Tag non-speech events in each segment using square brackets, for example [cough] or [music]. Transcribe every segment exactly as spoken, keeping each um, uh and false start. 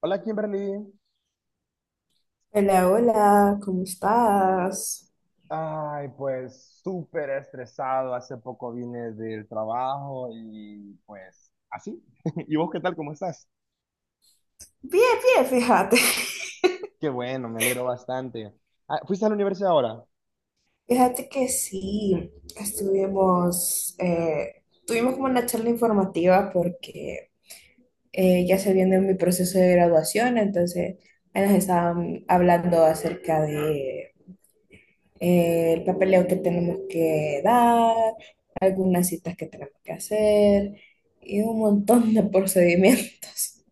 Hola, Kimberly. Hola, hola, ¿cómo estás? Ay, pues súper estresado. Hace poco vine del trabajo y pues así. [laughs] ¿Y vos qué tal? ¿Cómo estás? Bien, bien, fíjate. [laughs] Qué bueno, me alegro bastante. Ah, ¿fuiste a la universidad ahora? Fíjate que sí, estuvimos, eh, tuvimos como una charla informativa porque eh, ya se viene mi proceso de graduación, entonces ahí nos estaban hablando acerca de, eh, el papeleo que tenemos que dar, algunas citas que tenemos que hacer y un montón de [laughs] procedimientos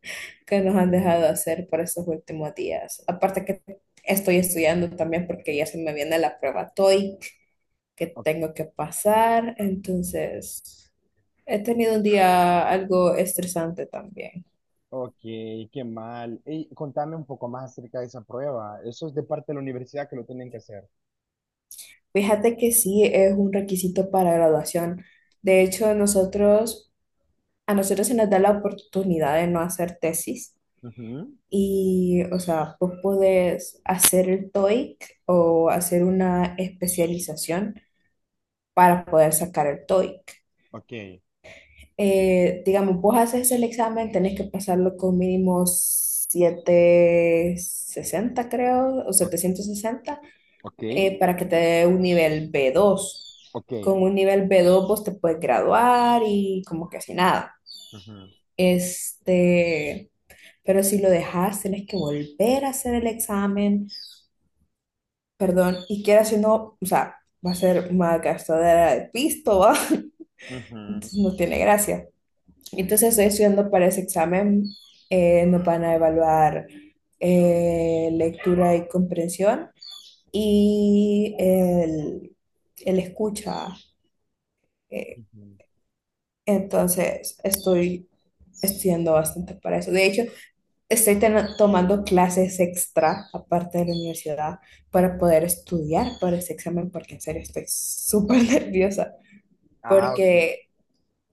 que nos han dejado hacer por estos últimos días. Aparte que estoy estudiando también porque ya se me viene la prueba TOEIC que O- tengo que pasar, entonces he tenido un día algo estresante también. Ok, qué mal. Ey, contame un poco más acerca de esa prueba. ¿Eso es de parte de la universidad que lo tienen que hacer? Fíjate que sí es un requisito para graduación. De hecho, nosotros a nosotros se nos da la oportunidad de no hacer tesis Ujú. y, o sea, vos podés hacer el TOEIC o hacer una especialización para poder sacar el TOEIC. Ok, Eh, digamos, vos haces el examen, tenés que pasarlo con mínimo setecientos sesenta creo, o o- setecientos sesenta, ok, eh, para que te dé un nivel b dos. ok. Con un nivel b dos vos te puedes graduar y como que así nada. Ujú, Este, Pero si lo dejas, tienes que volver a hacer el examen, perdón, y quieras o no, o sea, va a ser una gastadera de pisto, ¿va? [laughs] Entonces ujú, no tiene gracia. Entonces estoy estudiando para ese examen, eh, nos van a evaluar eh, lectura y comprensión y el, el escucha. eh, ujú. entonces estoy estudiando bastante para eso. De hecho, estoy ten- tomando clases extra, aparte de la universidad, para poder estudiar para ese examen, porque en serio estoy súper [laughs] nerviosa, Ah, ok. porque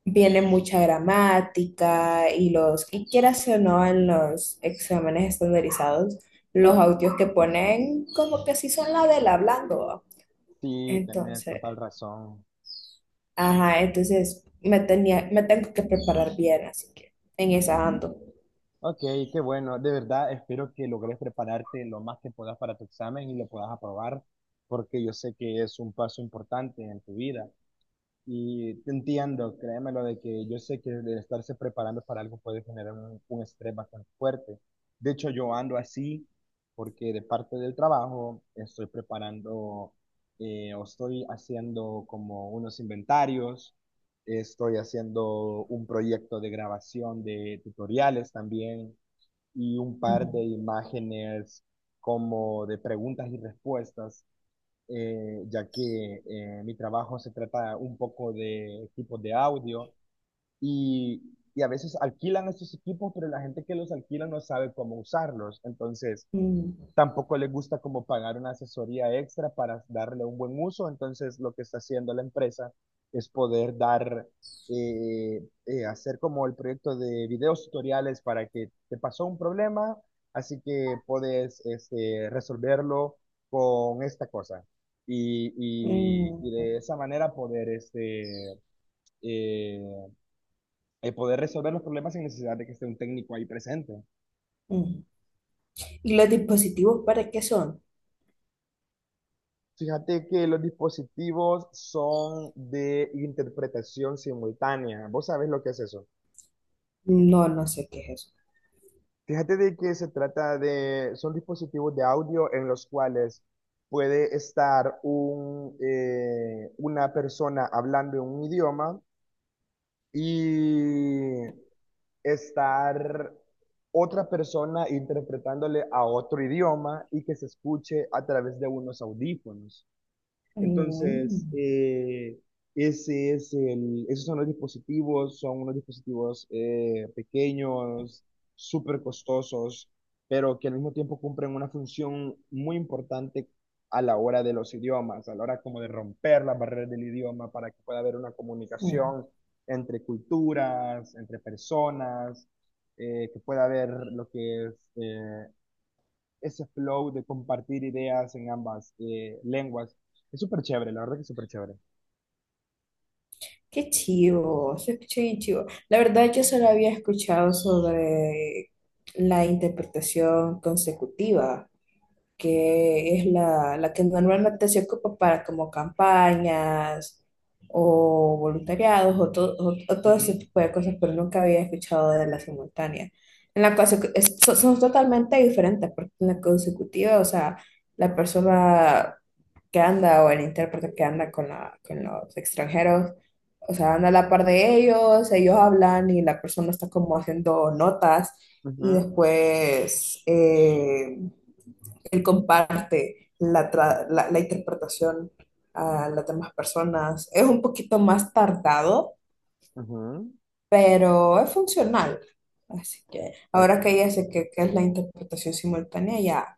viene mucha gramática y los, y quieras o no, en los exámenes estandarizados, los audios que ponen como que sí son la del hablando, ¿va? Sí, tenés Entonces, total razón. ajá, entonces me tenía, me tengo que preparar bien, así que en esa ando. Ok, qué bueno. De verdad, espero que logres prepararte lo más que puedas para tu examen y lo puedas aprobar, porque yo sé que es un paso importante en tu vida. Y te entiendo, créemelo, de que yo sé que el estarse preparando para algo puede generar un, un estrés bastante fuerte. De hecho, yo ando así porque de parte del trabajo estoy preparando eh, o estoy haciendo como unos inventarios, estoy haciendo un proyecto de grabación de tutoriales también y un par Ujú. de imágenes como de preguntas y respuestas, eh, ya que eh, mi trabajo se trata un poco de equipos de audio y, y a veces alquilan estos equipos, pero la gente que los alquila no sabe cómo usarlos. Entonces, Mm, tampoco le gusta como pagar una asesoría extra para darle un buen uso, entonces lo que está haciendo la empresa es poder dar, eh, eh, hacer como el proyecto de videos tutoriales para que te pasó un problema, así que puedes este, resolverlo con esta cosa. Y, y- mm, y de mm, esa manera poder, este, eh, eh, poder resolver los problemas sin necesidad de que esté un técnico ahí presente. mm. ¿Y los dispositivos para qué son? Fíjate que los dispositivos son de interpretación simultánea. ¿Vos sabés lo que es eso? No, no sé qué es eso. Fíjate de que se trata de, son dispositivos de audio en los cuales puede estar un, eh, una persona hablando en un idioma y estar otra persona interpretándole a otro idioma y que se escuche a través de unos audífonos. Mm, Entonces, eh, ese es el, esos son los dispositivos, son unos dispositivos eh, pequeños, súper costosos, pero que al mismo tiempo cumplen una función muy importante a la hora de los idiomas, a la hora como de romper las barreras del idioma para que pueda haber una mm. comunicación entre culturas, entre personas, eh, que pueda haber lo que es... eh, ese flow de compartir ideas en ambas eh, lenguas. Es súper chévere, la verdad que es súper chévere. Qué chivo, se escucha bien chivo. La verdad, yo solo había escuchado sobre la interpretación consecutiva que es la, la que normalmente se ocupa para como campañas o voluntariados o, to- o- o todo ese Ujú, tipo de cosas, pero nunca había escuchado de la simultánea. En la conse- es- so- son totalmente diferentes, porque en la consecutiva, o sea, la persona que anda o el intérprete que anda con, la, con los extranjeros, o sea, anda a la par de ellos, ellos hablan y la persona está como haciendo notas y ujú, después. Eh, él comparte la, tra- la- la interpretación a las demás personas. Es un poquito más tardado, ujú. pero es funcional. Así que Ok. ahora que ya sé qué qué es la interpretación simultánea, ya,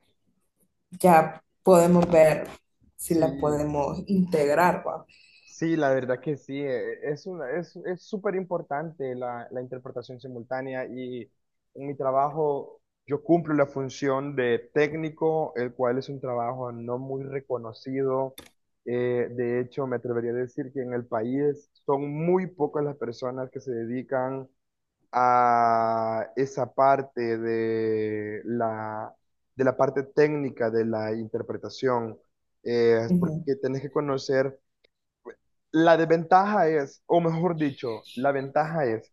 ya podemos ver si la Sí, podemos integrar, ¿va? sí, la verdad que sí, eh, es una, es, es súper importante la, la interpretación simultánea y en mi trabajo yo cumplo la función de técnico, el cual es un trabajo no muy reconocido. Eh, de hecho, me atrevería a decir que en el país son muy pocas las personas que se dedican a esa parte de la, de la parte técnica de la interpretación, eh, es Ujú. porque tenés que conocer, la desventaja es, o mejor dicho, la ventaja es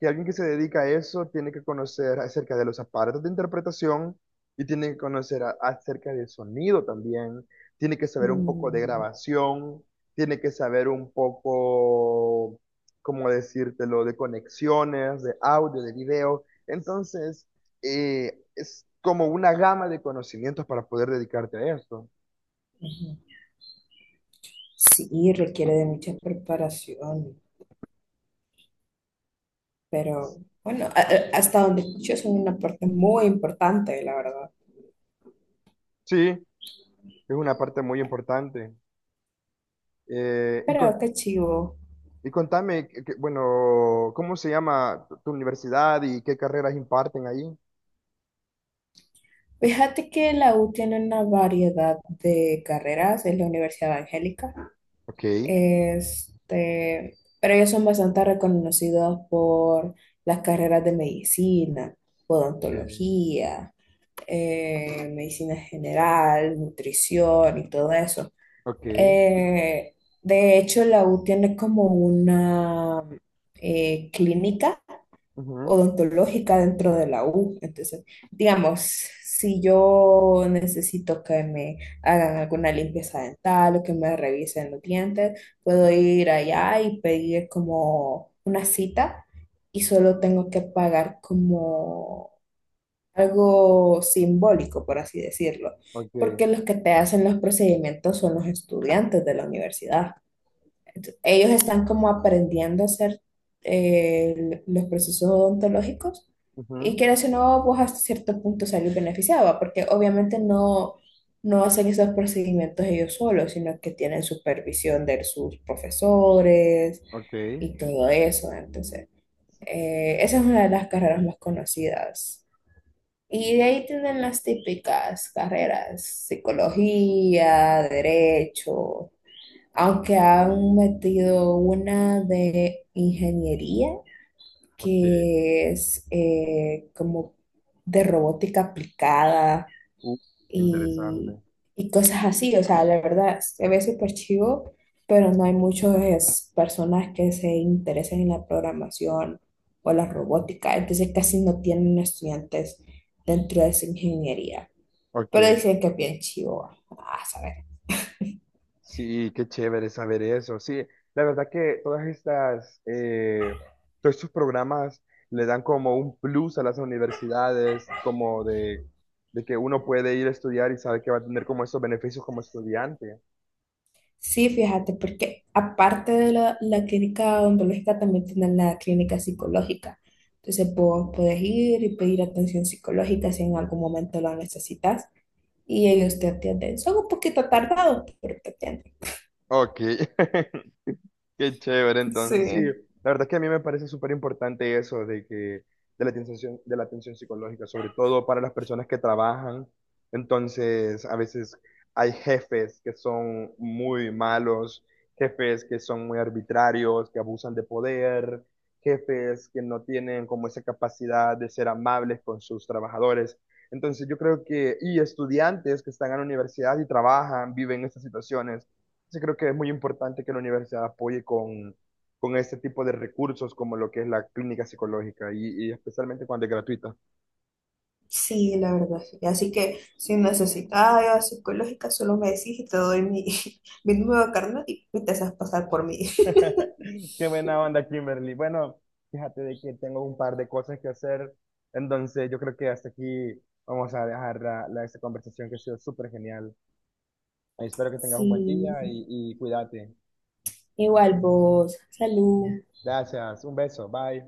que alguien que se dedica a eso tiene que conocer acerca de los aparatos de interpretación y tiene que conocer a- acerca del sonido también, tiene que saber un poco de Mm, grabación, tiene que saber un poco, ¿cómo decírtelo?, de conexiones, de audio, de video. Entonces, eh, es como una gama de conocimientos para poder dedicarte a esto. ujú. Sí, requiere de mucha preparación, pero bueno, a- a- hasta donde escucho es una parte muy importante, la verdad. Sí, es una parte muy importante. Eh, y con- Pero qué chivo. Y contame, que- que- bueno, ¿cómo se llama tu tu universidad y qué carreras imparten ahí? Fíjate que la U tiene una variedad de carreras, es la Universidad Evangélica, Ok, este, pero ellos son bastante reconocidos por las carreras de medicina, odontología, eh, medicina general, nutrición y todo eso. ok, Eh, de hecho, la U tiene como una eh, clínica ujú, odontológica dentro de la U. Entonces, digamos, si yo necesito que me hagan alguna limpieza dental o que me revisen los dientes, puedo ir allá y pedir como una cita y solo tengo que pagar como algo simbólico, por así decirlo, ok, porque los que te hacen los procedimientos son los estudiantes de la universidad. Ellos están como aprendiendo a hacer eh, los procesos odontológicos y ujú, que o no, pues hasta cierto punto salir beneficiado, porque obviamente no, no hacen esos procedimientos ellos solos, sino que tienen supervisión de sus profesores ok, y todo eso. Entonces, eh, esa es una de las carreras más conocidas. Y de ahí tienen las típicas carreras, psicología, derecho, aunque han metido una de ingeniería, ok. que es eh, como de robótica aplicada Uh, qué interesante. y, y cosas así. O sea, la verdad, se ve súper chivo, pero no hay muchas personas que se interesen en la programación o la robótica. Entonces casi no tienen estudiantes dentro de esa ingeniería. Ok, Pero dicen que es bien chivo. Ah, ¿sabes? sí, qué chévere saber eso. Sí, la verdad que todas estas, eh, todos estos programas le dan como un plus a las universidades, como de, de que uno puede ir a estudiar y sabe que va a tener como esos beneficios como estudiante. Sí, fíjate, porque aparte de la, la clínica odontológica, también tienen la clínica psicológica. Entonces, vos puedes ir y pedir atención psicológica si en algún momento la necesitas y ellos te atienden. Son un poquito tardados, pero te atienden. Ok. [laughs] Qué chévere, entonces, sí, Sí. la verdad es que a mí me parece súper importante eso de que, de la atención, de la atención psicológica, sobre todo para las personas que trabajan. Entonces, a veces hay jefes que son muy malos, jefes que son muy arbitrarios, que abusan de poder, jefes que no tienen como esa capacidad de ser amables con sus trabajadores. Entonces, yo creo que, y estudiantes que están en la universidad y trabajan, viven estas situaciones. Sí, creo que es muy importante que la universidad apoye con, con este tipo de recursos como lo que es la clínica psicológica y, y especialmente cuando es gratuita. Sí, la verdad, sí. Así que si necesitas ayuda psicológica, solo me decís y te doy mi, [laughs] mi nuevo carnet y y te haces pasar por mí. [laughs] [laughs] Qué buena onda, Kimberly. Bueno, fíjate de que tengo un par de cosas que hacer, entonces yo creo que hasta aquí vamos a dejar la, la- esta conversación que ha sido súper genial. Espero que tengas un buen Sí, día y, y cuídate. igual vos. Salud. Gracias, un beso, bye.